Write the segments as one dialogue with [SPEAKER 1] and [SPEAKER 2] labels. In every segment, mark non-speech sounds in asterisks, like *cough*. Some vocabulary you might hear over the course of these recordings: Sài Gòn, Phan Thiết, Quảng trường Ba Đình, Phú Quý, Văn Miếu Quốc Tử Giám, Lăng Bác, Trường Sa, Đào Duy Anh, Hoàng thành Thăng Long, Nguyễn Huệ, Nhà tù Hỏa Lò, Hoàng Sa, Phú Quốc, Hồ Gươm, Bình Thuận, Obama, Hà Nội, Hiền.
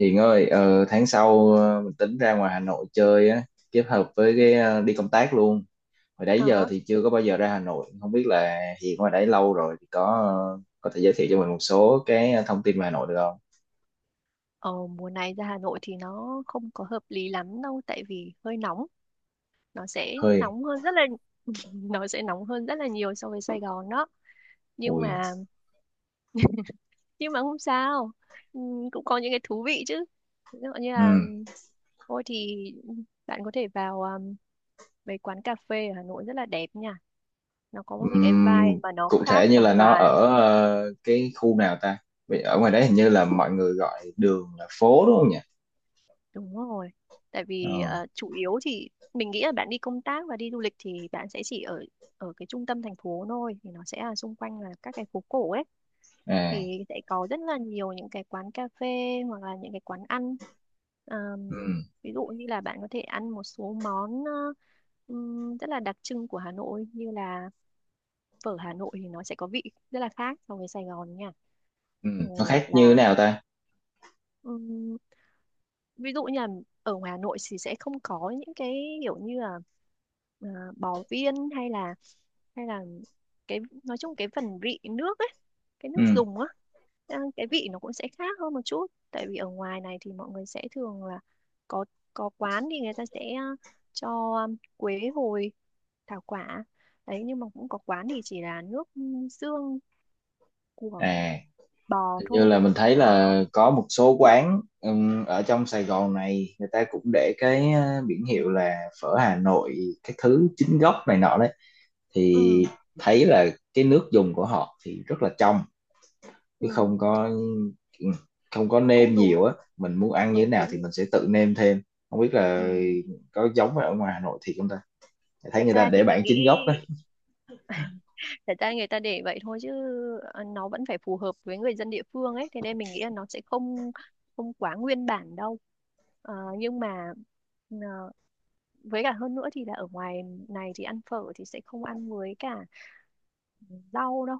[SPEAKER 1] Hiền ơi, tháng sau mình tính ra ngoài Hà Nội chơi á, kết hợp với đi công tác luôn. Hồi đấy
[SPEAKER 2] Ờ,
[SPEAKER 1] giờ
[SPEAKER 2] hả.
[SPEAKER 1] thì chưa có bao giờ ra Hà Nội, không biết là Hiền ngoài đấy lâu rồi thì có có thể giới thiệu cho mình một số thông tin về Hà Nội được không?
[SPEAKER 2] Ờ, Mùa này ra Hà Nội thì nó không có hợp lý lắm đâu, tại vì hơi nóng, nó sẽ
[SPEAKER 1] Hơi,
[SPEAKER 2] nóng hơn rất là *laughs* nó sẽ nóng hơn rất là nhiều so với Sài Gòn đó. nhưng
[SPEAKER 1] ui,
[SPEAKER 2] mà nhưng mà không sao. Cũng có những cái thú vị chứ, ví dụ như là,
[SPEAKER 1] ừm,
[SPEAKER 2] thôi thì bạn có thể vào, mấy quán cà phê ở Hà Nội rất là đẹp nha, nó có những cái vibe
[SPEAKER 1] ừm,
[SPEAKER 2] mà nó
[SPEAKER 1] cụ
[SPEAKER 2] khác
[SPEAKER 1] thể như
[SPEAKER 2] hoàn
[SPEAKER 1] là nó
[SPEAKER 2] toàn.
[SPEAKER 1] ở cái khu nào ta? Vì ở ngoài đấy hình như là mọi người gọi đường là phố đúng không nhỉ?
[SPEAKER 2] Đúng rồi. Tại
[SPEAKER 1] Ờ,
[SPEAKER 2] vì chủ yếu thì mình nghĩ là bạn đi công tác và đi du lịch thì bạn sẽ chỉ ở ở cái trung tâm thành phố thôi, thì nó sẽ là xung quanh là các cái phố cổ ấy,
[SPEAKER 1] à,
[SPEAKER 2] thì sẽ có rất là nhiều những cái quán cà phê hoặc là những cái quán ăn. Ờm,
[SPEAKER 1] ừm,
[SPEAKER 2] Ví dụ như là bạn có thể ăn một số món, rất là đặc trưng của Hà Nội, như là phở Hà Nội thì nó sẽ có vị rất là khác so với Sài Gòn nha.
[SPEAKER 1] nó
[SPEAKER 2] Rồi hoặc
[SPEAKER 1] khác như thế
[SPEAKER 2] là,
[SPEAKER 1] nào ta?
[SPEAKER 2] ví dụ như là ở ngoài Hà Nội thì sẽ không có những cái kiểu như là, à, bò viên, hay là cái, nói chung cái phần vị nước ấy, cái nước
[SPEAKER 1] Ừm,
[SPEAKER 2] dùng á. Cái vị nó cũng sẽ khác hơn một chút, tại vì ở ngoài này thì mọi người sẽ thường là có có quán thì người ta sẽ, cho quế hồi, thảo quả đấy, nhưng mà cũng có quán thì chỉ là nước, xương của
[SPEAKER 1] à.
[SPEAKER 2] bò
[SPEAKER 1] Hình như
[SPEAKER 2] thôi.
[SPEAKER 1] là mình thấy
[SPEAKER 2] Đó.
[SPEAKER 1] là có một số quán ở trong Sài Gòn này người ta cũng để cái biển hiệu là phở Hà Nội các thứ chính gốc này nọ đấy thì
[SPEAKER 2] Ừ,
[SPEAKER 1] thấy là cái nước dùng của họ thì rất là trong,
[SPEAKER 2] ừ
[SPEAKER 1] chứ không có không có
[SPEAKER 2] cũng
[SPEAKER 1] nêm
[SPEAKER 2] đúng.
[SPEAKER 1] nhiều á, mình muốn ăn như thế
[SPEAKER 2] Ừ,
[SPEAKER 1] nào thì
[SPEAKER 2] cũng.
[SPEAKER 1] mình sẽ tự nêm thêm. Không biết
[SPEAKER 2] Ừ,
[SPEAKER 1] là có giống ở ngoài Hà Nội thì không ta, thấy
[SPEAKER 2] thật
[SPEAKER 1] người ta
[SPEAKER 2] ra thì
[SPEAKER 1] để
[SPEAKER 2] mình
[SPEAKER 1] bản
[SPEAKER 2] nghĩ
[SPEAKER 1] chính gốc đấy.
[SPEAKER 2] *laughs* thật ra người ta để vậy thôi, chứ nó vẫn phải phù hợp với người dân địa phương ấy, thế nên mình nghĩ là nó sẽ không không quá nguyên bản đâu. Nhưng mà, ờ, với cả hơn nữa thì là ở ngoài này thì ăn phở thì sẽ không ăn với cả rau đâu,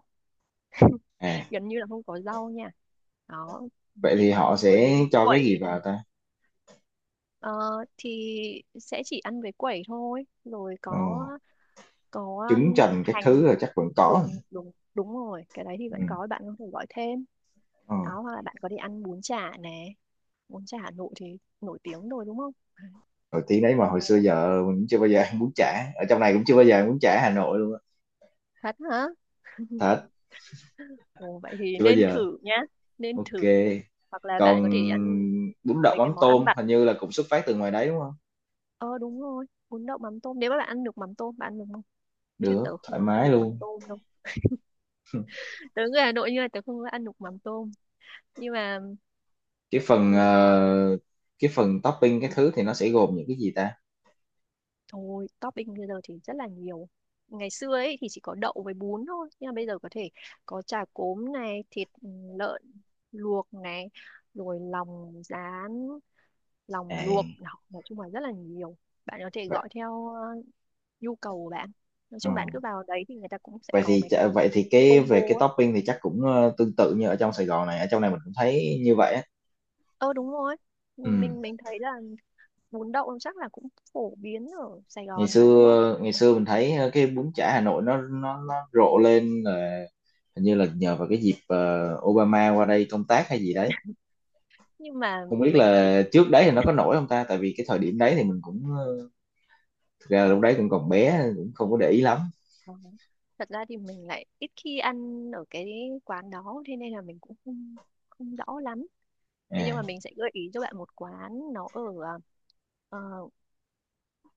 [SPEAKER 1] À
[SPEAKER 2] gần như là không có rau nha. Đó,
[SPEAKER 1] vậy
[SPEAKER 2] chỉ
[SPEAKER 1] thì
[SPEAKER 2] có
[SPEAKER 1] họ
[SPEAKER 2] ăn với
[SPEAKER 1] sẽ cho cái
[SPEAKER 2] quẩy
[SPEAKER 1] gì
[SPEAKER 2] này.
[SPEAKER 1] vào ta?
[SPEAKER 2] Ờ, thì sẽ chỉ ăn với quẩy thôi, rồi
[SPEAKER 1] Ồ,
[SPEAKER 2] có có
[SPEAKER 1] trứng chần các
[SPEAKER 2] hành.
[SPEAKER 1] thứ là chắc vẫn có.
[SPEAKER 2] Đúng đúng đúng rồi, cái đấy thì
[SPEAKER 1] Ừ.
[SPEAKER 2] vẫn có, bạn có thể gọi thêm.
[SPEAKER 1] Ừ.
[SPEAKER 2] Đó, hoặc là bạn có đi ăn bún chả nè, bún chả Hà Nội thì nổi tiếng rồi đúng không? Đấy.
[SPEAKER 1] Rồi tí đấy mà hồi xưa
[SPEAKER 2] Ồ,
[SPEAKER 1] giờ mình cũng chưa bao giờ ăn bún chả ở trong này, cũng chưa bao giờ ăn bún chả Hà Nội luôn á.
[SPEAKER 2] thật hả?
[SPEAKER 1] Thật.
[SPEAKER 2] Ồ, vậy thì
[SPEAKER 1] Chưa bao
[SPEAKER 2] nên
[SPEAKER 1] giờ.
[SPEAKER 2] thử nhá. Nên
[SPEAKER 1] Ok,
[SPEAKER 2] thử. Hoặc là
[SPEAKER 1] còn
[SPEAKER 2] bạn có thể đi ăn
[SPEAKER 1] bún đậu
[SPEAKER 2] mấy cái
[SPEAKER 1] mắm
[SPEAKER 2] món ăn
[SPEAKER 1] tôm
[SPEAKER 2] vặt.
[SPEAKER 1] hình như là cũng xuất phát từ ngoài đấy đúng không?
[SPEAKER 2] Ờ Đúng rồi, bún đậu mắm tôm, nếu mà bạn ăn được mắm tôm, bạn ăn được không? Chứ
[SPEAKER 1] Được
[SPEAKER 2] tớ
[SPEAKER 1] thoải
[SPEAKER 2] không ăn
[SPEAKER 1] mái
[SPEAKER 2] được mắm
[SPEAKER 1] luôn.
[SPEAKER 2] tôm đâu, tớ người Hà Nội nhưng mà tớ không có ăn được mắm tôm, nhưng mà,
[SPEAKER 1] cái phần
[SPEAKER 2] ừ.
[SPEAKER 1] ờ, cái phần topping cái thứ thì nó sẽ gồm những cái gì ta?
[SPEAKER 2] Thôi, topping bây giờ thì rất là nhiều. Ngày xưa ấy thì chỉ có đậu với bún thôi, nhưng mà bây giờ có thể có chả cốm này, thịt lợn luộc này, rồi lòng rán, lòng luộc,
[SPEAKER 1] À
[SPEAKER 2] đó, nói chung là rất là nhiều. Bạn có thể
[SPEAKER 1] vậy.
[SPEAKER 2] gọi theo nhu cầu của bạn. Nói
[SPEAKER 1] Ờ.
[SPEAKER 2] chung bạn cứ vào đấy thì người ta cũng sẽ có mấy cái
[SPEAKER 1] Vậy thì cái
[SPEAKER 2] combo
[SPEAKER 1] về cái
[SPEAKER 2] á.
[SPEAKER 1] topping thì chắc cũng tương tự như ở trong Sài Gòn này, ở trong này mình cũng thấy như vậy á.
[SPEAKER 2] Ờ đúng rồi. Mình
[SPEAKER 1] Ừ.
[SPEAKER 2] mình mình thấy là bún đậu chắc là cũng phổ biến ở Sài
[SPEAKER 1] Ngày
[SPEAKER 2] Gòn mà đúng không?
[SPEAKER 1] xưa ngày xưa mình thấy cái bún chả Hà Nội nó rộ lên là hình như là nhờ vào cái dịp Obama qua đây công tác hay gì đấy.
[SPEAKER 2] Nhưng mà
[SPEAKER 1] Không biết
[SPEAKER 2] mình thì.
[SPEAKER 1] là trước đấy thì nó có nổi không ta, tại vì cái thời điểm đấy thì mình cũng ờ, thực ra lúc đấy cũng còn bé nên cũng không có để ý lắm.
[SPEAKER 2] Ờ. Thật ra thì mình lại ít khi ăn ở cái quán đó, thế nên là mình cũng không không rõ lắm. Thế nhưng mà
[SPEAKER 1] À,
[SPEAKER 2] mình sẽ gợi ý cho bạn một quán, nó ở, ờ,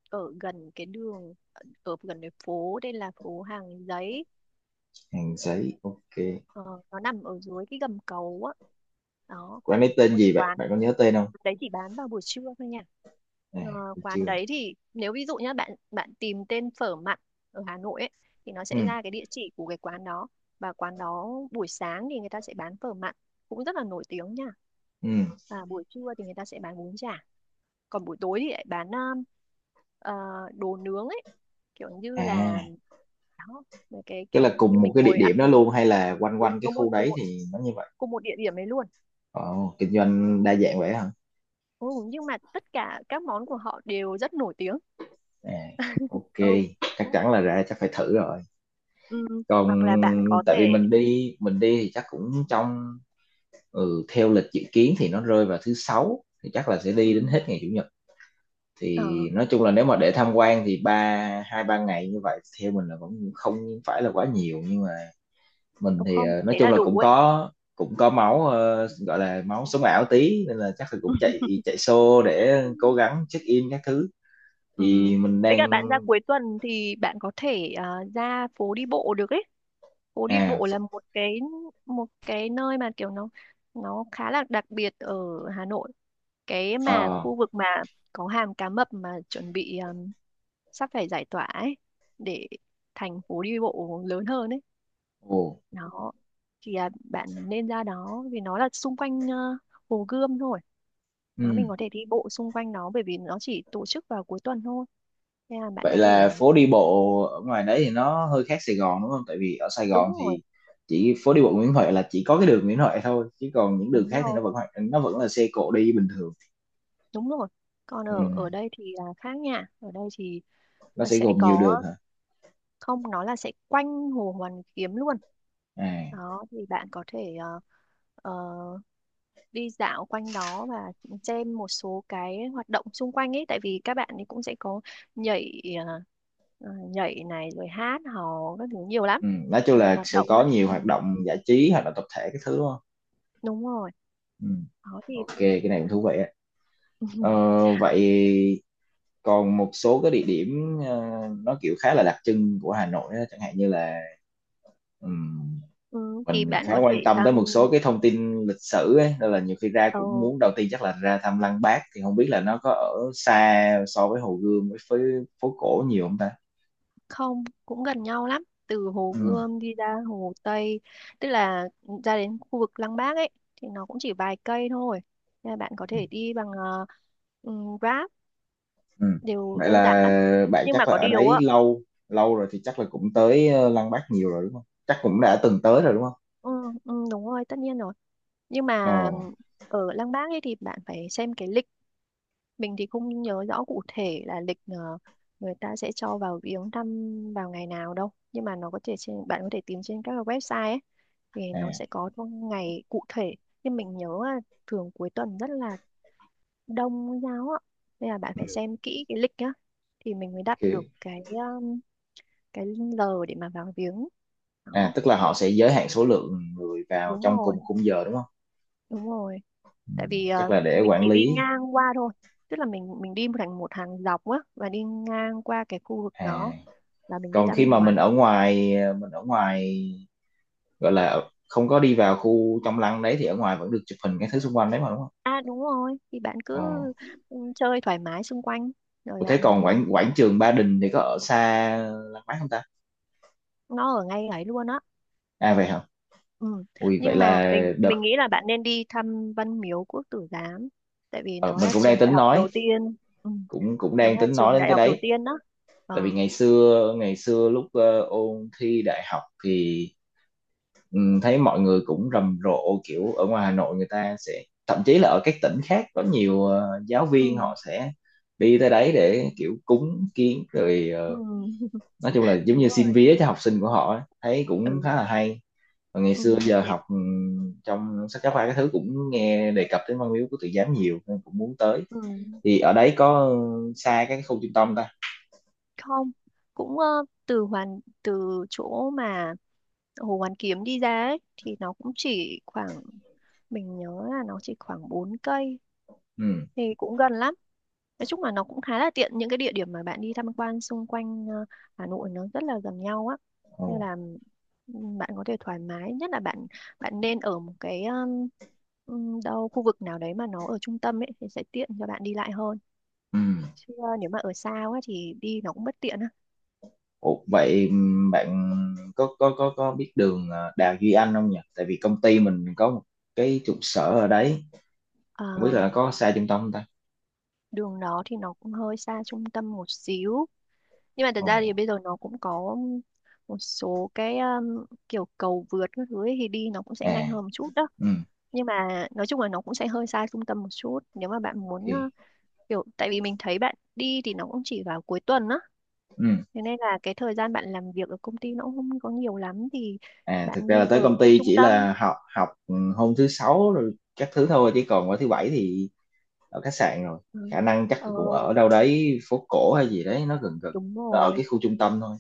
[SPEAKER 2] ở gần cái đường ở gần cái phố, đây là phố Hàng Giấy.
[SPEAKER 1] hàng sấy, ok.
[SPEAKER 2] Ờ, nó nằm ở dưới cái gầm cầu á. Đó,
[SPEAKER 1] Quán ấy
[SPEAKER 2] có
[SPEAKER 1] tên
[SPEAKER 2] một
[SPEAKER 1] gì vậy,
[SPEAKER 2] quán
[SPEAKER 1] bạn có nhớ tên không?
[SPEAKER 2] đấy, chỉ bán vào buổi trưa thôi nha.
[SPEAKER 1] À,
[SPEAKER 2] Ờ,
[SPEAKER 1] tôi
[SPEAKER 2] Quán
[SPEAKER 1] chưa.
[SPEAKER 2] đấy thì, nếu ví dụ nhá, bạn bạn tìm tên phở mặn ở Hà Nội ấy, thì nó
[SPEAKER 1] Ừ.
[SPEAKER 2] sẽ ra cái địa chỉ của cái quán đó. Và quán đó, buổi sáng thì người ta sẽ bán phở mặn, cũng rất là nổi tiếng nha,
[SPEAKER 1] Ừ.
[SPEAKER 2] và buổi trưa thì người ta sẽ bán bún chả, còn buổi tối thì lại bán, ờ, đồ nướng ấy, kiểu như là,
[SPEAKER 1] À,
[SPEAKER 2] đó, mấy cái
[SPEAKER 1] tức là
[SPEAKER 2] kiểu như
[SPEAKER 1] cùng một
[SPEAKER 2] mình
[SPEAKER 1] cái địa
[SPEAKER 2] ngồi ăn
[SPEAKER 1] điểm đó
[SPEAKER 2] nướng.
[SPEAKER 1] luôn hay là quanh
[SPEAKER 2] Đúng
[SPEAKER 1] quanh cái
[SPEAKER 2] đúng rồi,
[SPEAKER 1] khu
[SPEAKER 2] cùng
[SPEAKER 1] đấy thì nó như vậy?
[SPEAKER 2] cùng một địa điểm ấy luôn.
[SPEAKER 1] Ồ, kinh doanh đa dạng vậy hả?
[SPEAKER 2] Ừ, nhưng mà tất cả các món của họ đều rất nổi tiếng.
[SPEAKER 1] À,
[SPEAKER 2] *laughs*
[SPEAKER 1] ok,
[SPEAKER 2] Ừ.
[SPEAKER 1] chắc chắn là ra chắc phải thử rồi.
[SPEAKER 2] Ừ, hoặc là bạn
[SPEAKER 1] Còn
[SPEAKER 2] có
[SPEAKER 1] tại
[SPEAKER 2] thể.
[SPEAKER 1] vì mình đi, mình đi thì chắc cũng trong ừ, theo lịch dự kiến thì nó rơi vào thứ sáu thì chắc là sẽ đi đến
[SPEAKER 2] Ừ,
[SPEAKER 1] hết ngày chủ nhật.
[SPEAKER 2] ờ
[SPEAKER 1] Thì nói chung là nếu mà để tham quan thì hai ba ngày như vậy theo mình là vẫn không phải là quá nhiều, nhưng mà mình
[SPEAKER 2] đúng
[SPEAKER 1] thì
[SPEAKER 2] không,
[SPEAKER 1] nói
[SPEAKER 2] thế
[SPEAKER 1] chung
[SPEAKER 2] là
[SPEAKER 1] là
[SPEAKER 2] đủ
[SPEAKER 1] cũng
[SPEAKER 2] ấy.
[SPEAKER 1] có, cũng có máu gọi là máu sống ảo tí nên là chắc là cũng
[SPEAKER 2] *laughs*
[SPEAKER 1] chạy chạy xô để cố gắng check in các thứ
[SPEAKER 2] Ừ.
[SPEAKER 1] thì mình
[SPEAKER 2] Với cả
[SPEAKER 1] đang
[SPEAKER 2] bạn ra cuối tuần thì bạn có thể, ra phố đi bộ được ấy. Phố đi
[SPEAKER 1] à
[SPEAKER 2] bộ là
[SPEAKER 1] ph-
[SPEAKER 2] một cái, nơi mà kiểu nó khá là đặc biệt ở Hà Nội, cái mà
[SPEAKER 1] ờ.
[SPEAKER 2] khu vực mà có hàm cá mập mà chuẩn bị sắp phải giải tỏa ấy, để thành phố đi bộ lớn hơn ấy.
[SPEAKER 1] Ồ.
[SPEAKER 2] Đó thì, bạn nên ra đó, vì nó là xung quanh Hồ Gươm thôi. Đó,
[SPEAKER 1] Ừ.
[SPEAKER 2] mình có thể đi bộ xung quanh nó, bởi vì nó chỉ tổ chức vào cuối tuần thôi, nên là bạn
[SPEAKER 1] Vậy
[SPEAKER 2] có thể,
[SPEAKER 1] là phố đi bộ ở ngoài đấy thì nó hơi khác Sài Gòn đúng không? Tại vì ở Sài
[SPEAKER 2] đúng
[SPEAKER 1] Gòn
[SPEAKER 2] rồi
[SPEAKER 1] thì chỉ phố đi bộ Nguyễn Huệ là chỉ có cái đường Nguyễn Huệ thôi, chứ còn những đường
[SPEAKER 2] đúng
[SPEAKER 1] khác thì nó
[SPEAKER 2] rồi.
[SPEAKER 1] vẫn nó vẫn là xe cộ đi bình thường.
[SPEAKER 2] Đúng rồi, còn
[SPEAKER 1] Ừ.
[SPEAKER 2] ở ở đây thì là khác nha, ở đây thì
[SPEAKER 1] Nó sẽ
[SPEAKER 2] sẽ
[SPEAKER 1] gồm nhiều
[SPEAKER 2] có,
[SPEAKER 1] đường hả?
[SPEAKER 2] không, nó là sẽ quanh Hồ Hoàn Kiếm luôn.
[SPEAKER 1] À.
[SPEAKER 2] Đó thì bạn có thể, ờ, đi dạo quanh đó, và xem một số cái hoạt động xung quanh ấy, tại vì các bạn ấy cũng sẽ có nhảy, nhảy này, rồi hát hò các thứ nhiều lắm.
[SPEAKER 1] Ừ. Nói chung
[SPEAKER 2] Nhiều
[SPEAKER 1] là
[SPEAKER 2] hoạt
[SPEAKER 1] sẽ
[SPEAKER 2] động
[SPEAKER 1] có
[SPEAKER 2] lắm,
[SPEAKER 1] nhiều
[SPEAKER 2] ừ.
[SPEAKER 1] hoạt động giải trí, hoạt động tập thể cái thứ đúng không?
[SPEAKER 2] Đúng rồi.
[SPEAKER 1] Ừ.
[SPEAKER 2] Đó thì,
[SPEAKER 1] Ok,
[SPEAKER 2] ừ.
[SPEAKER 1] cái này cũng thú vị á. Ờ,
[SPEAKER 2] *laughs*
[SPEAKER 1] vậy còn một số cái địa điểm nó kiểu khá là đặc trưng của Hà Nội á, chẳng hạn như là ừ,
[SPEAKER 2] Ừ, thì
[SPEAKER 1] mình
[SPEAKER 2] bạn
[SPEAKER 1] khá
[SPEAKER 2] có thể
[SPEAKER 1] quan tâm
[SPEAKER 2] thăm.
[SPEAKER 1] tới một số cái thông tin lịch sử ấy nên là nhiều khi ra
[SPEAKER 2] ờ,
[SPEAKER 1] cũng muốn, đầu tiên chắc là ra thăm Lăng Bác, thì không biết là nó có ở xa so với Hồ Gươm với phố cổ nhiều không ta.
[SPEAKER 2] Không, cũng gần nhau lắm, từ Hồ
[SPEAKER 1] Ừ.
[SPEAKER 2] Gươm đi ra Hồ Tây, tức là ra đến khu vực Lăng Bác ấy, thì nó cũng chỉ vài cây thôi, nên là bạn có
[SPEAKER 1] Ừ.
[SPEAKER 2] thể đi bằng, uh,
[SPEAKER 1] Ừ.
[SPEAKER 2] đều
[SPEAKER 1] Vậy
[SPEAKER 2] đơn
[SPEAKER 1] là
[SPEAKER 2] giản lắm.
[SPEAKER 1] bạn
[SPEAKER 2] Nhưng mà
[SPEAKER 1] chắc là
[SPEAKER 2] có
[SPEAKER 1] ở
[SPEAKER 2] điều
[SPEAKER 1] đấy
[SPEAKER 2] á,
[SPEAKER 1] lâu, lâu rồi thì chắc là cũng tới Lăng Bác nhiều rồi đúng không, chắc cũng đã từng tới rồi đúng không?
[SPEAKER 2] ừ, ừ, đúng rồi, tất nhiên rồi, nhưng mà
[SPEAKER 1] Ồ.
[SPEAKER 2] ở Lăng Bác ấy thì bạn phải xem cái lịch, mình thì không nhớ rõ cụ thể là lịch, người ta sẽ cho vào viếng thăm vào ngày nào đâu, nhưng mà nó có thể trên, bạn có thể tìm trên các cái website ấy, thì nó
[SPEAKER 1] À.
[SPEAKER 2] sẽ có thông ngày cụ thể. Nhưng mình nhớ là thường cuối tuần rất là đông Công giáo ạ, nên là bạn phải xem kỹ cái lịch nhá, thì mình mới đặt được
[SPEAKER 1] Ok.
[SPEAKER 2] cái, cái giờ để mà vào viếng.
[SPEAKER 1] À
[SPEAKER 2] Đó,
[SPEAKER 1] tức là họ sẽ giới hạn số lượng người vào
[SPEAKER 2] đúng
[SPEAKER 1] trong
[SPEAKER 2] rồi
[SPEAKER 1] cùng khung giờ đúng không?
[SPEAKER 2] đúng rồi, tại vì
[SPEAKER 1] Chắc là để
[SPEAKER 2] mình
[SPEAKER 1] quản
[SPEAKER 2] chỉ đi
[SPEAKER 1] lý.
[SPEAKER 2] ngang qua thôi, tức là mình, đi một thành một hàng dọc á, và đi ngang qua cái khu vực
[SPEAKER 1] À
[SPEAKER 2] đó là mình đi
[SPEAKER 1] còn
[SPEAKER 2] ra
[SPEAKER 1] khi
[SPEAKER 2] bên
[SPEAKER 1] mà
[SPEAKER 2] ngoài.
[SPEAKER 1] mình ở ngoài ờ, mình ở ngoài gọi là không có đi vào khu trong lăng đấy thì ở ngoài vẫn được chụp hình cái thứ xung quanh đấy mà đúng không?
[SPEAKER 2] À đúng rồi, thì bạn
[SPEAKER 1] Ờ.
[SPEAKER 2] cứ, ừ, chơi thoải mái xung quanh, rồi
[SPEAKER 1] Ủa thế
[SPEAKER 2] bạn,
[SPEAKER 1] còn quảng quảng trường Ba Đình thì có ở xa Lăng Bác không ta?
[SPEAKER 2] nó ở ngay ấy luôn á.
[SPEAKER 1] À vậy hả?
[SPEAKER 2] Ừ.
[SPEAKER 1] Ui vậy
[SPEAKER 2] Nhưng mà
[SPEAKER 1] là
[SPEAKER 2] mình,
[SPEAKER 1] đợt
[SPEAKER 2] nghĩ là bạn nên đi thăm Văn Miếu Quốc Tử Giám, tại vì
[SPEAKER 1] ờ,
[SPEAKER 2] nó
[SPEAKER 1] mình
[SPEAKER 2] là
[SPEAKER 1] cũng đang
[SPEAKER 2] trường đại
[SPEAKER 1] tính
[SPEAKER 2] học
[SPEAKER 1] nói,
[SPEAKER 2] đầu tiên. Ừ,
[SPEAKER 1] cũng cũng
[SPEAKER 2] nó
[SPEAKER 1] đang
[SPEAKER 2] là
[SPEAKER 1] tính
[SPEAKER 2] trường
[SPEAKER 1] nói đến
[SPEAKER 2] đại
[SPEAKER 1] cái
[SPEAKER 2] học đầu
[SPEAKER 1] đấy.
[SPEAKER 2] tiên đó.
[SPEAKER 1] Tại vì
[SPEAKER 2] ờ
[SPEAKER 1] ngày xưa lúc ôn thi đại học thì ừ, thấy mọi người cũng rầm rộ kiểu ở ngoài Hà Nội người ta sẽ, thậm chí là ở các tỉnh khác có nhiều giáo
[SPEAKER 2] ừ.
[SPEAKER 1] viên họ sẽ đi tới đấy để kiểu cúng kiến rồi
[SPEAKER 2] Ừ. *laughs*
[SPEAKER 1] nói chung là giống
[SPEAKER 2] Đúng
[SPEAKER 1] như
[SPEAKER 2] rồi.
[SPEAKER 1] xin vía cho học sinh của họ ấy, thấy cũng
[SPEAKER 2] Ừ.
[SPEAKER 1] khá là hay. Và ngày xưa
[SPEAKER 2] Ừ.
[SPEAKER 1] giờ
[SPEAKER 2] Thì-
[SPEAKER 1] học trong sách giáo khoa cái thứ cũng nghe đề cập đến văn miếu của tự giám nhiều nên cũng muốn tới,
[SPEAKER 2] ừ.
[SPEAKER 1] thì ở đấy có ừ, xa cái khu trung tâm ta.
[SPEAKER 2] Không, cũng, từ chỗ mà Hồ Hoàn Kiếm đi ra ấy, thì nó cũng chỉ khoảng, mình nhớ là nó chỉ khoảng 4 cây,
[SPEAKER 1] Ừ.
[SPEAKER 2] thì cũng gần lắm. Nói chung là nó cũng khá là tiện, những cái địa điểm mà bạn đi tham quan xung quanh Hà Nội nó rất là gần nhau á,
[SPEAKER 1] Ồ.
[SPEAKER 2] nên là, bạn có thể thoải mái, nhất là bạn, nên ở một cái, đâu khu vực nào đấy mà nó ở trung tâm ấy, thì sẽ tiện cho bạn đi lại hơn.
[SPEAKER 1] Ừ.
[SPEAKER 2] Chứ nếu mà ở xa quá thì đi nó cũng bất tiện á.
[SPEAKER 1] Ồ vậy bạn có có biết đường Đào Duy Anh không nhỉ, tại vì công ty mình có một cái trụ sở ở đấy,
[SPEAKER 2] Ờ,
[SPEAKER 1] không biết là có xa trung tâm không ta.
[SPEAKER 2] Đường nó thì nó cũng hơi xa trung tâm một xíu, nhưng mà thật ra thì
[SPEAKER 1] Ồ.
[SPEAKER 2] bây giờ nó cũng có một số cái, kiểu cầu vượt các thứ ấy, thì đi nó cũng sẽ
[SPEAKER 1] À.
[SPEAKER 2] nhanh hơn một chút đó.
[SPEAKER 1] Ừ.
[SPEAKER 2] Nhưng mà nói chung là nó cũng sẽ hơi xa trung tâm một chút, nếu mà bạn muốn,
[SPEAKER 1] Ok.
[SPEAKER 2] kiểu, tại vì mình thấy bạn đi thì nó cũng chỉ vào cuối tuần á,
[SPEAKER 1] Ừ.
[SPEAKER 2] thế nên là cái thời gian bạn làm việc ở công ty nó cũng không có nhiều lắm, thì
[SPEAKER 1] À
[SPEAKER 2] bạn
[SPEAKER 1] thực ra là
[SPEAKER 2] nên
[SPEAKER 1] tới
[SPEAKER 2] ở
[SPEAKER 1] công
[SPEAKER 2] khu
[SPEAKER 1] ty
[SPEAKER 2] trung
[SPEAKER 1] chỉ
[SPEAKER 2] tâm.
[SPEAKER 1] là học học ừ, hôm thứ sáu rồi các thứ thôi, chứ còn qua thứ bảy thì ở khách sạn rồi,
[SPEAKER 2] Ừ.
[SPEAKER 1] khả năng chắc là
[SPEAKER 2] ờ
[SPEAKER 1] cũng ở đâu đấy phố cổ hay gì đấy nó gần gần,
[SPEAKER 2] Đúng
[SPEAKER 1] nó ở
[SPEAKER 2] rồi
[SPEAKER 1] cái khu trung tâm thôi.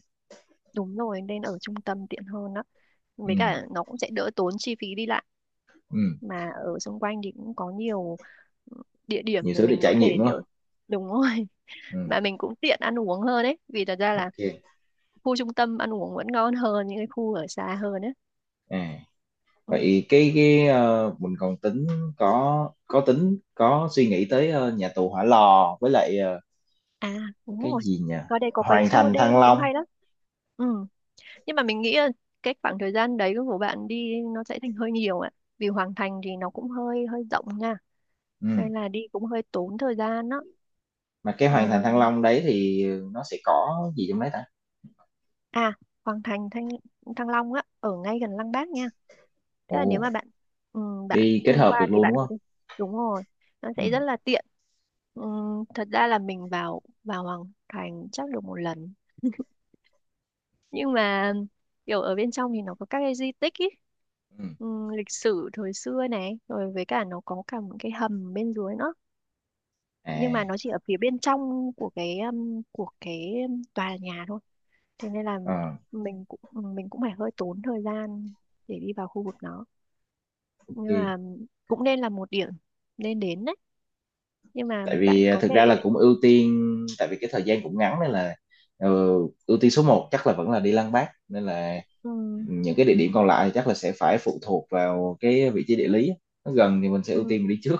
[SPEAKER 2] đúng rồi, nên ở trung tâm tiện hơn đó, với cả
[SPEAKER 1] Ừ,
[SPEAKER 2] nó cũng sẽ đỡ tốn chi phí đi lại,
[SPEAKER 1] ừ.
[SPEAKER 2] mà ở xung quanh thì cũng có nhiều, ừ, địa
[SPEAKER 1] Nhiều
[SPEAKER 2] điểm mà
[SPEAKER 1] thứ để
[SPEAKER 2] mình
[SPEAKER 1] trải
[SPEAKER 2] có thể
[SPEAKER 1] nghiệm đúng không?
[SPEAKER 2] kiểu, đúng rồi. *laughs*
[SPEAKER 1] Ừ,
[SPEAKER 2] Mà mình cũng tiện ăn uống hơn ấy, vì thật ra là
[SPEAKER 1] ok.
[SPEAKER 2] khu trung tâm ăn uống vẫn ngon hơn những cái khu ở xa hơn ấy.
[SPEAKER 1] À
[SPEAKER 2] Ừ.
[SPEAKER 1] vậy mình còn tính, có tính, có suy nghĩ tới nhà tù Hỏa Lò với lại ờ,
[SPEAKER 2] À đúng
[SPEAKER 1] cái
[SPEAKER 2] rồi,
[SPEAKER 1] gì nhỉ,
[SPEAKER 2] có đây, có cái
[SPEAKER 1] Hoàng
[SPEAKER 2] tour
[SPEAKER 1] thành
[SPEAKER 2] đêm
[SPEAKER 1] Thăng
[SPEAKER 2] cũng
[SPEAKER 1] Long.
[SPEAKER 2] hay lắm. Ừ. Nhưng mà mình nghĩ là cái khoảng thời gian đấy của bạn đi nó sẽ thành hơi nhiều ạ, vì Hoàng Thành thì nó cũng hơi hơi rộng nha.
[SPEAKER 1] Ừ.
[SPEAKER 2] Đây là đi cũng hơi tốn thời gian đó.
[SPEAKER 1] Mà cái
[SPEAKER 2] Ờ,
[SPEAKER 1] Hoàng thành Thăng Long đấy thì nó sẽ có gì trong đấy ta?
[SPEAKER 2] à Hoàng Thành Thăng Thăng Long á ở ngay gần Lăng Bác nha. Tức
[SPEAKER 1] Ồ,
[SPEAKER 2] là nếu mà bạn ừ, bạn
[SPEAKER 1] đi kết
[SPEAKER 2] tham
[SPEAKER 1] hợp được
[SPEAKER 2] quan thì
[SPEAKER 1] luôn
[SPEAKER 2] bạn
[SPEAKER 1] đúng
[SPEAKER 2] có
[SPEAKER 1] không?
[SPEAKER 2] thể. Đúng rồi, nó
[SPEAKER 1] Ừ.
[SPEAKER 2] sẽ rất là tiện. Ừ, thật ra là mình vào vào Hoàng Thành chắc được một lần, nhưng mà kiểu ở bên trong thì nó có các cái di tích ý.
[SPEAKER 1] Ừ.
[SPEAKER 2] Ừ, lịch sử thời xưa này rồi với cả nó có cả những cái hầm bên dưới nữa, nhưng mà
[SPEAKER 1] À.
[SPEAKER 2] nó chỉ ở phía bên trong của cái tòa nhà thôi. Thế nên là
[SPEAKER 1] Ờ,
[SPEAKER 2] mình cũng mình cũng phải hơi tốn thời gian để đi vào khu vực nó, nhưng
[SPEAKER 1] ok.
[SPEAKER 2] mà cũng nên là một điểm nên đến đấy. Nhưng mà
[SPEAKER 1] Tại vì
[SPEAKER 2] bạn
[SPEAKER 1] à,
[SPEAKER 2] có
[SPEAKER 1] thực
[SPEAKER 2] thể,
[SPEAKER 1] ra là cũng ưu tiên, tại vì cái thời gian cũng ngắn nên là ờ, ưu tiên số một chắc là vẫn là đi Lăng Bác, nên là
[SPEAKER 2] ừ,
[SPEAKER 1] những cái địa điểm còn lại thì chắc là sẽ phải phụ thuộc vào cái vị trí địa lý, nó gần thì mình sẽ ưu tiên mình
[SPEAKER 2] ừ,
[SPEAKER 1] đi trước.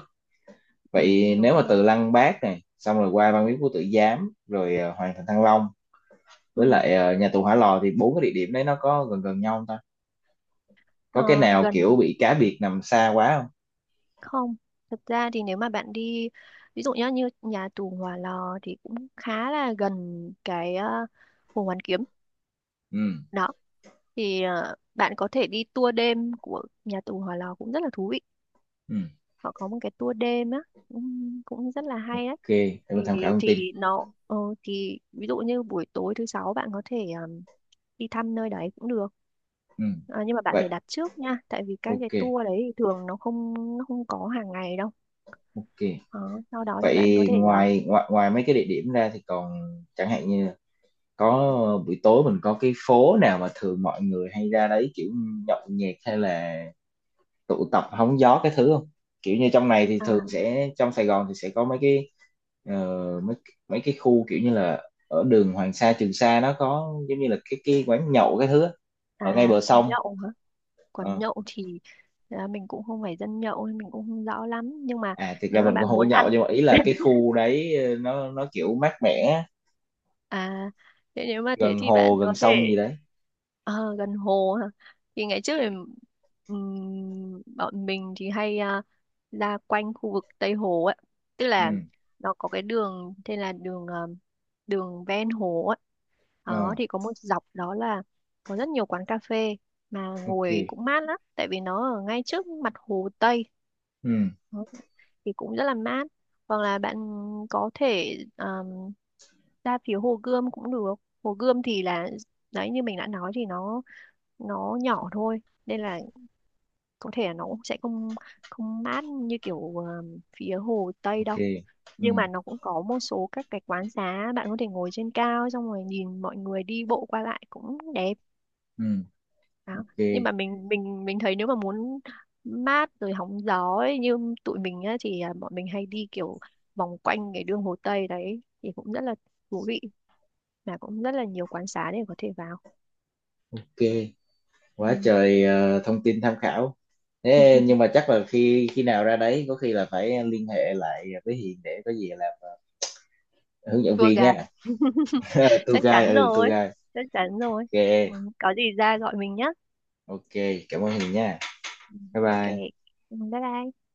[SPEAKER 2] ừ,
[SPEAKER 1] Vậy
[SPEAKER 2] đúng
[SPEAKER 1] nếu mà
[SPEAKER 2] rồi.
[SPEAKER 1] từ Lăng Bác này xong rồi qua Văn Miếu Quốc Tử Giám rồi Hoàng thành Thăng Long với
[SPEAKER 2] Ừ.
[SPEAKER 1] lại nhà tù Hỏa Lò thì bốn cái địa điểm đấy nó có gần gần nhau không ta?
[SPEAKER 2] Ờ,
[SPEAKER 1] Có cái nào kiểu
[SPEAKER 2] gần
[SPEAKER 1] bị cá biệt nằm xa quá không?
[SPEAKER 2] không, thật ra thì nếu mà bạn đi, ví dụ nhá như nhà tù Hỏa Lò thì cũng khá là gần cái Hồ Hoàn Kiếm
[SPEAKER 1] Ừ.
[SPEAKER 2] đó. Thì bạn có thể đi tour đêm của nhà tù Hỏa Lò cũng rất là thú vị.
[SPEAKER 1] Ừ.
[SPEAKER 2] Họ có một cái tour đêm á, cũng rất là hay đấy.
[SPEAKER 1] Để
[SPEAKER 2] thì
[SPEAKER 1] mình tham khảo thông tin.
[SPEAKER 2] thì nó ờ, thì ví dụ như buổi tối thứ sáu bạn có thể um, đi thăm nơi đấy cũng được.
[SPEAKER 1] Ừ.
[SPEAKER 2] À, nhưng mà bạn
[SPEAKER 1] Vậy,
[SPEAKER 2] phải đặt trước nha, tại vì các cái
[SPEAKER 1] ok.
[SPEAKER 2] tour đấy thì thường nó không có hàng ngày đâu.
[SPEAKER 1] Ok,
[SPEAKER 2] Đó, sau đó thì bạn có
[SPEAKER 1] vậy
[SPEAKER 2] thể,
[SPEAKER 1] ngoài ngoài ngoài mấy cái địa điểm ra thì còn, chẳng hạn như là có buổi tối mình có cái phố nào mà thường mọi người hay ra đấy kiểu nhậu nhẹt hay là tụ tập hóng gió cái thứ không, kiểu như trong này thì
[SPEAKER 2] à
[SPEAKER 1] thường sẽ, trong Sài Gòn thì sẽ có mấy cái ờ, mấy mấy cái khu kiểu như là ở đường Hoàng Sa Trường Sa nó có giống như là cái quán nhậu cái thứ á, ở ngay
[SPEAKER 2] à
[SPEAKER 1] bờ
[SPEAKER 2] quán
[SPEAKER 1] sông.
[SPEAKER 2] nhậu hả? Quán
[SPEAKER 1] Ờ.
[SPEAKER 2] nhậu thì, à, mình cũng không phải dân nhậu nên mình cũng không rõ lắm, nhưng mà
[SPEAKER 1] À thực ra
[SPEAKER 2] nếu mà
[SPEAKER 1] mình
[SPEAKER 2] bạn
[SPEAKER 1] cũng không có
[SPEAKER 2] muốn ăn…
[SPEAKER 1] nhậu, nhưng mà ý là cái
[SPEAKER 2] *laughs*
[SPEAKER 1] khu đấy nó kiểu mát mẻ,
[SPEAKER 2] À, thế nếu mà thế
[SPEAKER 1] gần
[SPEAKER 2] thì
[SPEAKER 1] hồ
[SPEAKER 2] bạn có
[SPEAKER 1] gần
[SPEAKER 2] thể…
[SPEAKER 1] sông gì đấy.
[SPEAKER 2] Ờ, gần hồ hả? Thì ngày trước thì, bọn mình thì hay, à, ra quanh khu vực Tây Hồ ấy. Tức là
[SPEAKER 1] Ừ.
[SPEAKER 2] nó có cái đường tên là đường, đường ven hồ ấy. Đó,
[SPEAKER 1] Ờ,
[SPEAKER 2] thì có một dọc đó là có rất nhiều quán cà phê mà ngồi
[SPEAKER 1] ok.
[SPEAKER 2] cũng mát lắm, tại vì nó ở ngay trước mặt hồ Tây.
[SPEAKER 1] Ừ.
[SPEAKER 2] Đó, thì cũng rất là mát. Hoặc là bạn có thể, ra phía Hồ Gươm cũng được. Hồ Gươm thì là, đấy như mình đã nói thì nó nhỏ thôi, nên là có thể là nó cũng sẽ không, không mát như kiểu phía Hồ Tây
[SPEAKER 1] Ok.
[SPEAKER 2] đâu.
[SPEAKER 1] Ừ.
[SPEAKER 2] Nhưng mà nó cũng có một số các cái quán xá bạn có thể ngồi trên cao xong rồi nhìn mọi người đi bộ qua lại cũng đẹp.
[SPEAKER 1] Ừ.
[SPEAKER 2] Đó.
[SPEAKER 1] Ok.
[SPEAKER 2] Nhưng mà mình thấy nếu mà muốn mát rồi hóng gió ấy, như tụi mình á, thì à, bọn mình hay đi kiểu vòng quanh cái đường Hồ Tây đấy thì cũng rất là thú vị, mà cũng rất là nhiều quán xá để có thể vào.
[SPEAKER 1] Ok,
[SPEAKER 2] Ừ.
[SPEAKER 1] quá trời thông tin tham khảo. Thế
[SPEAKER 2] *laughs*
[SPEAKER 1] nhưng mà chắc là khi khi nào ra đấy có khi là phải liên hệ lại với Hiền để có gì làm hướng dẫn
[SPEAKER 2] Tour
[SPEAKER 1] viên
[SPEAKER 2] guide.
[SPEAKER 1] nha. Ờ, tour
[SPEAKER 2] Chắc chắn
[SPEAKER 1] guide, ừ tour
[SPEAKER 2] rồi,
[SPEAKER 1] guide.
[SPEAKER 2] chắc chắn rồi. Ừ,
[SPEAKER 1] Ok,
[SPEAKER 2] có gì ra gọi mình nhé.
[SPEAKER 1] ok, cảm ơn Hiền nha,
[SPEAKER 2] Ừ,
[SPEAKER 1] bye
[SPEAKER 2] ok.
[SPEAKER 1] bye.
[SPEAKER 2] Ừ, bye bye.